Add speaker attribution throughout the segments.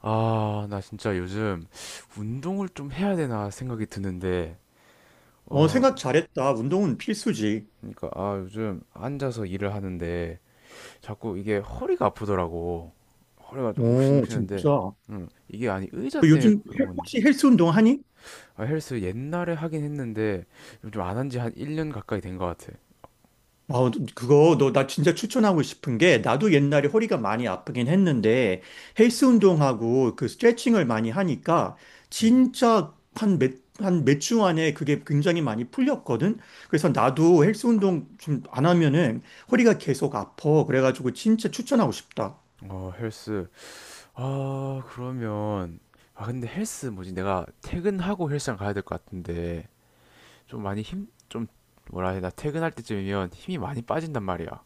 Speaker 1: 아, 나 진짜 요즘 운동을 좀 해야 되나 생각이 드는데,
Speaker 2: 어,
Speaker 1: 어,
Speaker 2: 생각 잘했다. 운동은 필수지.
Speaker 1: 그러니까, 아, 요즘 앉아서 일을 하는데 자꾸 이게 허리가 아프더라고. 허리가 좀
Speaker 2: 오,
Speaker 1: 욱신욱신한데,
Speaker 2: 진짜. 너
Speaker 1: 이게 아니 의자 때문에
Speaker 2: 요즘
Speaker 1: 그런 건지.
Speaker 2: 혹시 헬스 운동 하니?
Speaker 1: 아, 헬스 옛날에 하긴 했는데 좀 안 한지 한 1년 가까이 된 것 같아.
Speaker 2: 아, 그거 너 나 진짜 추천하고 싶은 게 나도 옛날에 허리가 많이 아프긴 했는데 헬스 운동하고 그 스트레칭을 많이 하니까
Speaker 1: 음,
Speaker 2: 진짜 한 몇 주 안에 그게 굉장히 많이 풀렸거든. 그래서 나도 헬스 운동 좀 안 하면은 허리가 계속 아파. 그래가지고 진짜 추천하고 싶다.
Speaker 1: 어, 헬스. 아, 그러면, 아, 근데 헬스 뭐지? 내가 퇴근하고 헬스장 가야 될 것 같은데, 좀 뭐라 해야 되나 퇴근할 때쯤이면 힘이 많이 빠진단 말이야.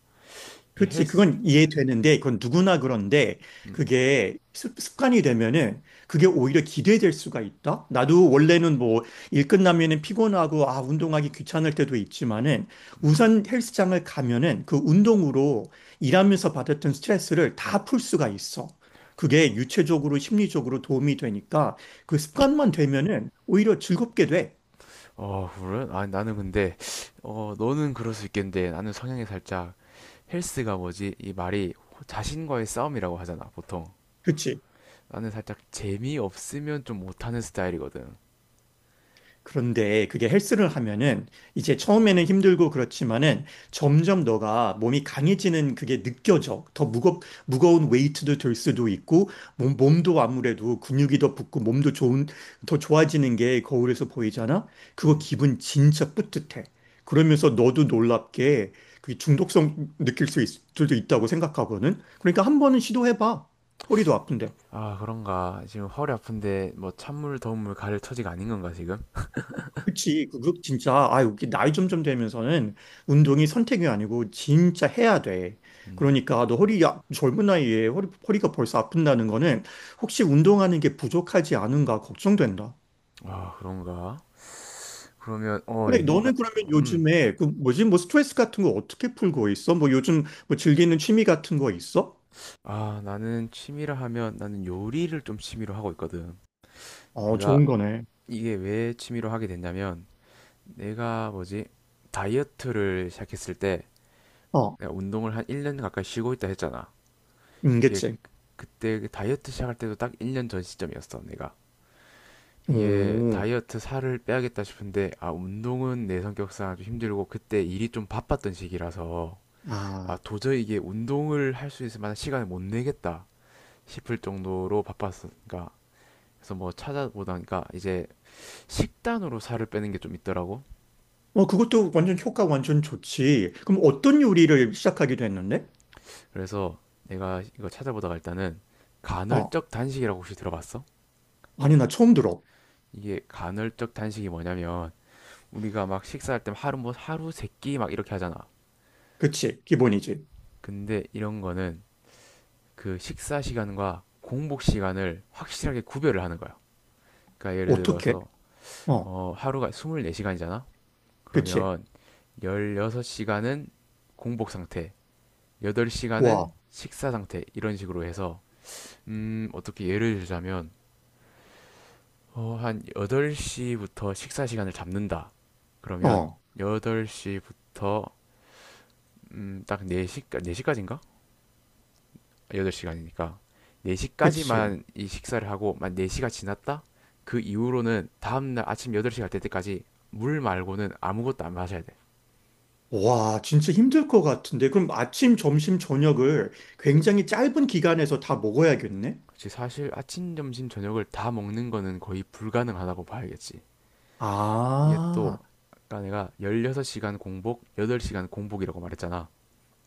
Speaker 1: 이게
Speaker 2: 그렇지.
Speaker 1: 헬스,
Speaker 2: 그건 이해되는데, 그건 누구나 그런데,
Speaker 1: 음,
Speaker 2: 그게 습관이 되면은, 그게 오히려 기대될 수가 있다? 나도 원래는 뭐, 일 끝나면은 피곤하고, 아, 운동하기 귀찮을 때도 있지만은, 우선 헬스장을 가면은, 그 운동으로 일하면서 받았던 스트레스를 다 풀 수가 있어. 그게 유체적으로, 심리적으로 도움이 되니까, 그 습관만 되면은, 오히려 즐겁게 돼.
Speaker 1: 래론 아, 나는 근데 너는 그럴 수 있겠는데 나는 성향이 살짝 헬스가 뭐지? 이 말이 자신과의 싸움이라고 하잖아, 보통.
Speaker 2: 그렇지.
Speaker 1: 나는 살짝 재미없으면 좀 못하는 스타일이거든.
Speaker 2: 그런데 그게 헬스를 하면은 이제 처음에는 힘들고 그렇지만은 점점 너가 몸이 강해지는 그게 느껴져. 무거운 웨이트도 들 수도 있고 몸도 아무래도 근육이 더 붙고 몸도 더 좋아지는 게 거울에서 보이잖아? 그거
Speaker 1: 음.
Speaker 2: 기분 진짜 뿌듯해. 그러면서 너도 놀랍게 그 중독성 수도 있다고 생각하거든. 그러니까 한 번은 시도해봐. 허리도 아픈데.
Speaker 1: 아, 그런가. 지금 허리 아픈데 뭐 찬물, 더운 물 가릴 처지가 아닌 건가, 지금?
Speaker 2: 그치. 진짜, 아, 여기 나이 점점 되면서는 운동이 선택이 아니고 진짜 해야 돼.
Speaker 1: 음.
Speaker 2: 그러니까 너 허리, 야, 젊은 나이에 허리가 벌써 아픈다는 거는 혹시 운동하는 게 부족하지 않은가 걱정된다.
Speaker 1: 아, 그런가. 그러면
Speaker 2: 그래,
Speaker 1: 옛날.
Speaker 2: 너는 그러면
Speaker 1: 음.
Speaker 2: 요즘에 그 뭐지, 뭐 스트레스 같은 거 어떻게 풀고 있어? 뭐 요즘 뭐 즐기는 취미 같은 거 있어?
Speaker 1: 아, 나는 취미라 하면 나는 요리를 좀 취미로 하고 있거든.
Speaker 2: 어,
Speaker 1: 내가
Speaker 2: 좋은 거네.
Speaker 1: 이게 왜 취미로 하게 됐냐면 내가 뭐지? 다이어트를 시작했을 때
Speaker 2: 어,
Speaker 1: 내가 운동을 한 1년 가까이 쉬고 있다 했잖아. 이게
Speaker 2: 임계책.
Speaker 1: 그때 그 다이어트 시작할 때도 딱 1년 전 시점이었어, 내가. 이게
Speaker 2: 오,
Speaker 1: 다이어트 살을 빼야겠다 싶은데 아, 운동은 내 성격상 좀 힘들고 그때 일이 좀 바빴던 시기라서 아,
Speaker 2: 아.
Speaker 1: 도저히 이게 운동을 할 수 있을 만한 시간을 못 내겠다 싶을 정도로 바빴으니까 그래서 뭐 찾아보다니까 이제 식단으로 살을 빼는 게 좀 있더라고.
Speaker 2: 어, 그것도 완전 효과 완전 좋지. 그럼 어떤 요리를 시작하게 됐는데?
Speaker 1: 그래서 내가 이거 찾아보다가 일단은 간헐적 단식이라고 혹시 들어봤어?
Speaker 2: 아니, 나 처음 들어.
Speaker 1: 이게 간헐적 단식이 뭐냐면 우리가 막 식사할 때 하루 뭐 하루 세끼 막 이렇게 하잖아.
Speaker 2: 그치, 기본이지.
Speaker 1: 근데 이런 거는 그 식사 시간과 공복 시간을 확실하게 구별을 하는 거야. 그러니까 예를
Speaker 2: 어떻게?
Speaker 1: 들어서
Speaker 2: 어,
Speaker 1: 하루가 24시간이잖아.
Speaker 2: 그치.
Speaker 1: 그러면 16시간은 공복 상태,
Speaker 2: 와,
Speaker 1: 8시간은 식사 상태 이런 식으로 해서 어떻게 예를 들자면, 한 8시부터 식사 시간을 잡는다. 그러면
Speaker 2: 어,
Speaker 1: 8시부터 딱 시까지인가 8시간이니까.
Speaker 2: 그치.
Speaker 1: 4시까지만 이 식사를 하고, 만 4시가 지났다? 그 이후로는 다음날 아침 8시 갈 때까지 물 말고는 아무것도 안 마셔야 돼.
Speaker 2: 와, 진짜 힘들 것 같은데. 그럼 아침, 점심, 저녁을 굉장히 짧은 기간에서 다 먹어야겠네?
Speaker 1: 그치, 사실 아침, 점심, 저녁을 다 먹는 거는 거의 불가능하다고 봐야겠지. 이게 또,
Speaker 2: 아,
Speaker 1: 아까 내가 16시간 공복, 8시간 공복이라고 말했잖아.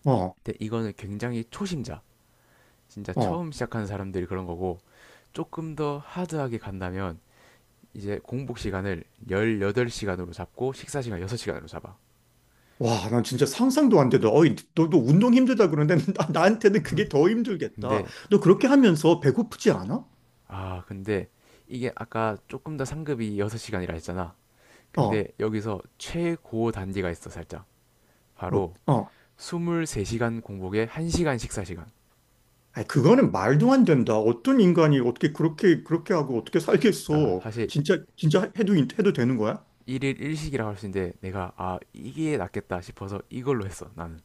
Speaker 2: 어,
Speaker 1: 근데 이거는 굉장히 초심자, 진짜
Speaker 2: 어.
Speaker 1: 처음 시작하는 사람들이 그런 거고 조금 더 하드하게 간다면 이제 공복 시간을 18시간으로 잡고 식사 시간 6시간으로 잡아.
Speaker 2: 와, 난 진짜 상상도 안 되다. 어이, 너도 운동 힘들다 그러는데 나한테는 그게 더 힘들겠다.
Speaker 1: 근데
Speaker 2: 너 그렇게 하면서 배고프지 않아?
Speaker 1: 근데 이게 아까 조금 더 상급이 6시간이라 했잖아. 근데
Speaker 2: 어,
Speaker 1: 여기서 최고 단계가 있어, 살짝.
Speaker 2: 어,
Speaker 1: 바로
Speaker 2: 어.
Speaker 1: 23시간 공복에 1시간 식사 시간.
Speaker 2: 아니, 그거는 말도 안 된다. 어떤 인간이 어떻게 그렇게 하고 어떻게
Speaker 1: 그러니까
Speaker 2: 살겠어.
Speaker 1: 사실
Speaker 2: 진짜 해도, 해도 되는 거야?
Speaker 1: 일일 일식이라고 할 수 있는데 내가 아, 이게 낫겠다 싶어서 이걸로 했어, 나는.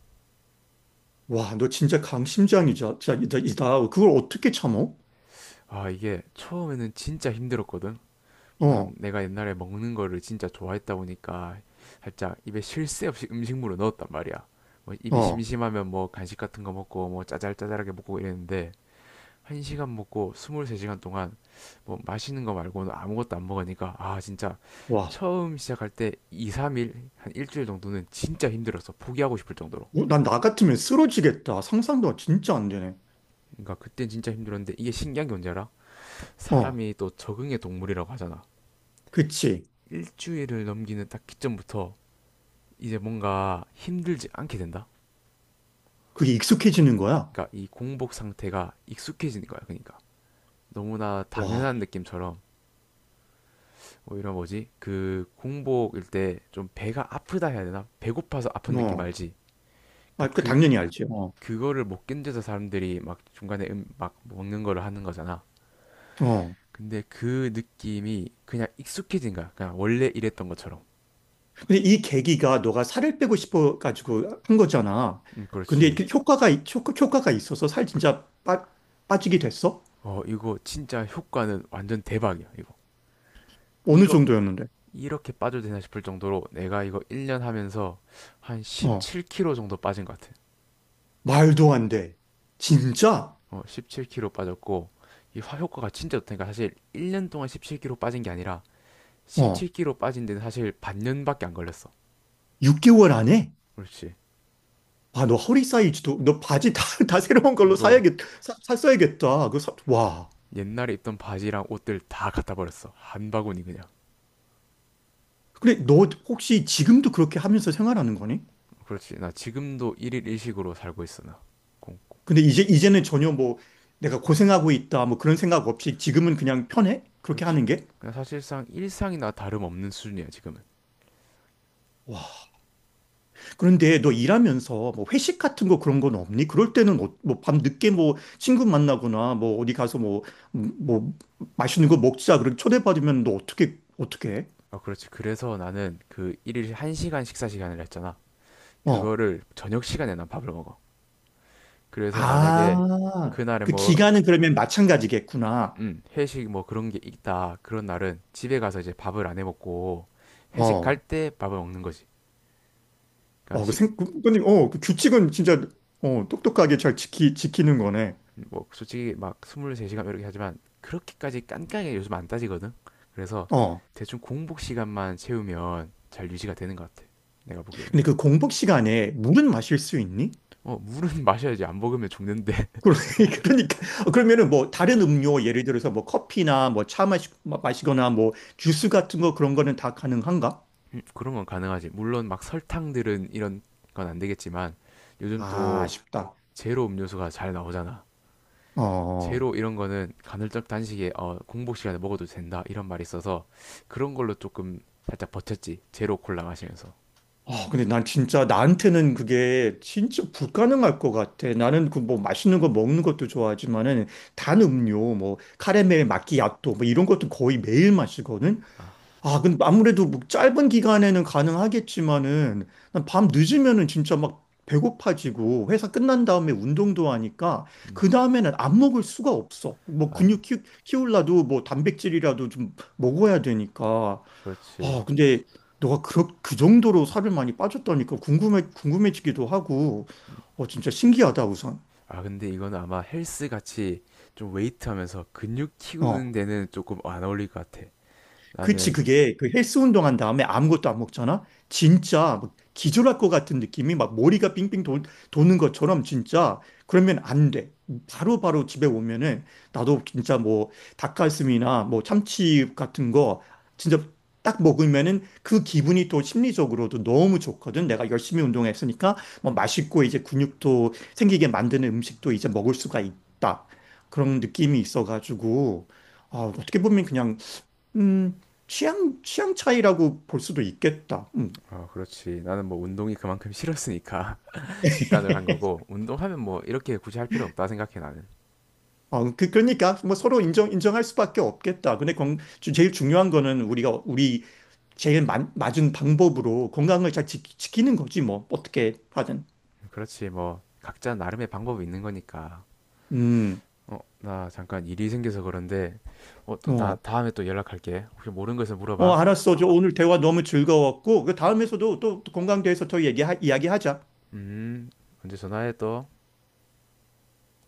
Speaker 2: 와, 너 진짜 이다. 이다. 그걸 어떻게 참어?
Speaker 1: 아, 이게 처음에는 진짜 힘들었거든. 물론
Speaker 2: 어,
Speaker 1: 내가 옛날에 먹는 거를 진짜 좋아했다 보니까 살짝 입에 쉴 새 없이 음식물을 넣었단 말이야. 뭐 입이
Speaker 2: 어,
Speaker 1: 심심하면 뭐 간식 같은 거 먹고 뭐 짜잘짜잘하게 먹고 이랬는데 한 시간 먹고 23시간 동안 뭐 맛있는 거 말고는 아무것도 안 먹으니까 아, 진짜
Speaker 2: 와.
Speaker 1: 처음 시작할 때 2, 3일, 한 일주일 정도는 진짜 힘들었어. 포기하고 싶을 정도로.
Speaker 2: 어, 난나 같으면 쓰러지겠다. 상상도 진짜 안 되네.
Speaker 1: 그러니까 그땐 진짜 힘들었는데 이게 신기한 게 뭔지 알아?
Speaker 2: 어,
Speaker 1: 사람이 또 적응의 동물이라고 하잖아.
Speaker 2: 그치.
Speaker 1: 일주일을 넘기는 딱 기점부터 이제 뭔가 힘들지 않게 된다.
Speaker 2: 그게 익숙해지는 거야?
Speaker 1: 그러니까 이 공복 상태가 익숙해지는 거야. 그러니까 너무나
Speaker 2: 와,
Speaker 1: 당연한 느낌처럼 오히려 뭐지? 그 공복일 때 좀 배가 아프다 해야 되나? 배고파서 아픈 느낌
Speaker 2: 어.
Speaker 1: 알지? 그러니까
Speaker 2: 아, 그
Speaker 1: 그
Speaker 2: 당연히 알지. 어,
Speaker 1: 그거를 못 견뎌서 사람들이 막 중간에 막 먹는 거를 하는 거잖아.
Speaker 2: 어.
Speaker 1: 근데 그 느낌이 그냥 익숙해진 거야. 그냥 원래 이랬던 것처럼.
Speaker 2: 근데 이 계기가 너가 살을 빼고 싶어 가지고 한 거잖아. 근데
Speaker 1: 그렇지.
Speaker 2: 이렇게 효과가 있어서 빠지게 됐어?
Speaker 1: 어, 이거 진짜 효과는 완전 대박이야, 이거.
Speaker 2: 어느
Speaker 1: 이렇게
Speaker 2: 정도였는데?
Speaker 1: 이렇게 빠져도 되나 싶을 정도로 내가 이거 1년 하면서 한
Speaker 2: 어.
Speaker 1: 17kg 정도 빠진 것 같아.
Speaker 2: 말도 안 돼. 진짜?
Speaker 1: 어, 17kg 빠졌고 이 화효과가 진짜 좋다니까 사실 1년 동안 17kg 빠진 게 아니라
Speaker 2: 어.
Speaker 1: 17kg 빠진 데는 사실 반년밖에 안 걸렸어.
Speaker 2: 6개월 안에?
Speaker 1: 그렇지.
Speaker 2: 와, 너 허리 사이즈도 너 바지 다, 다 새로운 걸로
Speaker 1: 이거
Speaker 2: 사야겠 사, 샀어야겠다. 와.
Speaker 1: 옛날에 입던 바지랑 옷들 다 갖다 버렸어. 한 바구니 그냥.
Speaker 2: 근데 너 혹시 지금도 그렇게 하면서 생활하는 거니?
Speaker 1: 그렇지. 나 지금도 일일 일식으로 살고 있어 나. 꽁꽁.
Speaker 2: 근데 이제는 전혀 뭐 내가 고생하고 있다 뭐 그런 생각 없이 지금은 그냥 편해? 그렇게
Speaker 1: 그렇지.
Speaker 2: 하는 게?
Speaker 1: 그냥 사실상 일상이나 다름없는 수준이야 지금은.
Speaker 2: 그런데 너 일하면서 뭐 회식 같은 거 그런 건 없니? 그럴 때는 어, 뭐, 밤 늦게 뭐 친구 만나거나 뭐 어디 가서 뭐, 뭐 맛있는 거 먹자. 그렇게 초대받으면 너 어떻게 해?
Speaker 1: 아, 그렇지. 그래서 나는 그 일일 1시간 식사 시간을 했잖아.
Speaker 2: 어.
Speaker 1: 그거를 저녁 시간에 난 밥을 먹어. 그래서 만약에
Speaker 2: 아,
Speaker 1: 그날에
Speaker 2: 그
Speaker 1: 뭐,
Speaker 2: 기간은 그러면 마찬가지겠구나.
Speaker 1: 회식 뭐 그런 게 있다. 그런 날은 집에 가서 이제 밥을 안 해 먹고 회식
Speaker 2: 어.
Speaker 1: 갈 때 밥을 먹는 거지.
Speaker 2: 어,
Speaker 1: 그러니까
Speaker 2: 어, 그 규칙은 진짜, 어, 똑똑하게 잘 지키는 거네.
Speaker 1: 뭐 솔직히 막 23시간 이렇게 하지만 그렇게까지 깐깐하게 요즘 안 따지거든. 그래서
Speaker 2: 어.
Speaker 1: 대충 공복 시간만 채우면 잘 유지가 되는 것 같아. 내가 보기에는.
Speaker 2: 근데 그 공복 시간에 물은 마실 수 있니?
Speaker 1: 어, 물은 마셔야지. 안 먹으면 죽는데.
Speaker 2: 그러- 그러니까 그러면은 뭐 다른 음료 예를 들어서 뭐 커피나 뭐 차 거나뭐 주스 같은 거 그런 거는 다 가능한가?
Speaker 1: 그런 건 가능하지. 물론 막 설탕들은 이런 건 안 되겠지만 요즘
Speaker 2: 아,
Speaker 1: 또
Speaker 2: 아쉽다.
Speaker 1: 제로 음료수가 잘 나오잖아.
Speaker 2: 어.
Speaker 1: 제로 이런 거는 간헐적 단식에 공복 시간에 먹어도 된다 이런 말이 있어서 그런 걸로 조금 살짝 버텼지. 제로 콜라 마시면서.
Speaker 2: 아, 근데 난 진짜 나한테는 그게 진짜 불가능할 것 같아. 나는 그 뭐 맛있는 거 먹는 것도 좋아하지만은 단 음료 뭐 카라멜 마끼아또 뭐 이런 것도 거의 매일 마시거든.
Speaker 1: 아,
Speaker 2: 아, 근데 아무래도 뭐 짧은 기간에는 가능하겠지만은 난 밤 늦으면은 진짜 막 배고파지고 회사 끝난 다음에 운동도 하니까
Speaker 1: 음,
Speaker 2: 그 다음에는 안 먹을 수가 없어. 뭐
Speaker 1: 안,
Speaker 2: 키울라도 뭐 단백질이라도 좀 먹어야 되니까.
Speaker 1: 그렇지.
Speaker 2: 아, 근데 너가 그 정도로 살을 많이 빠졌다니까 궁금해지기도 하고
Speaker 1: 음.
Speaker 2: 어 진짜 신기하다 우선.
Speaker 1: 아 근데 이건 아마 헬스 같이 좀 웨이트 하면서 근육
Speaker 2: 어.
Speaker 1: 키우는 데는 조금 안 어울릴 것 같아.
Speaker 2: 그치,
Speaker 1: 나는.
Speaker 2: 그게 그 헬스 운동한 다음에 아무것도 안 먹잖아? 진짜 막 기절할 것 같은 느낌이 막 도는 것처럼 진짜 그러면 안 돼. 바로바로 바로 집에 오면은 나도 진짜 뭐 닭가슴이나 뭐 참치 같은 거 진짜 딱 먹으면은 그 기분이 또 심리적으로도 너무 좋거든. 내가 열심히 운동했으니까 뭐
Speaker 1: 음,
Speaker 2: 맛있고 이제 근육도 생기게 만드는 음식도 이제 먹을 수가 있다. 그런 느낌이 있어가지고 아, 어떻게 보면 그냥 음, 취향 차이라고 볼 수도 있겠다. 음.
Speaker 1: 그렇지. 나는 뭐 운동이 그만큼 싫었으니까 식단을 한 거고 운동하면 뭐 이렇게 굳이 할 필요 없다 생각해 나는.
Speaker 2: 어, 그러니까 뭐 서로 인정할 수밖에 없겠다. 근데 제일 중요한 거는 우리가 우리 맞은 방법으로 건강을 잘 키는 거지 뭐 어떻게 하든.
Speaker 1: 그렇지, 뭐 각자 나름의 방법이 있는 거니까.
Speaker 2: 음,
Speaker 1: 나 잠깐 일이 생겨서 그런데, 또
Speaker 2: 어,
Speaker 1: 다음에 또 연락할게. 혹시 모르는 거을
Speaker 2: 어,
Speaker 1: 물어봐.
Speaker 2: 알았어. 저 오늘 대화 너무 즐거웠고 그 다음에서도 또 건강 대해서 더 얘기 이야기하자.
Speaker 1: 음, 언제 전화해 또.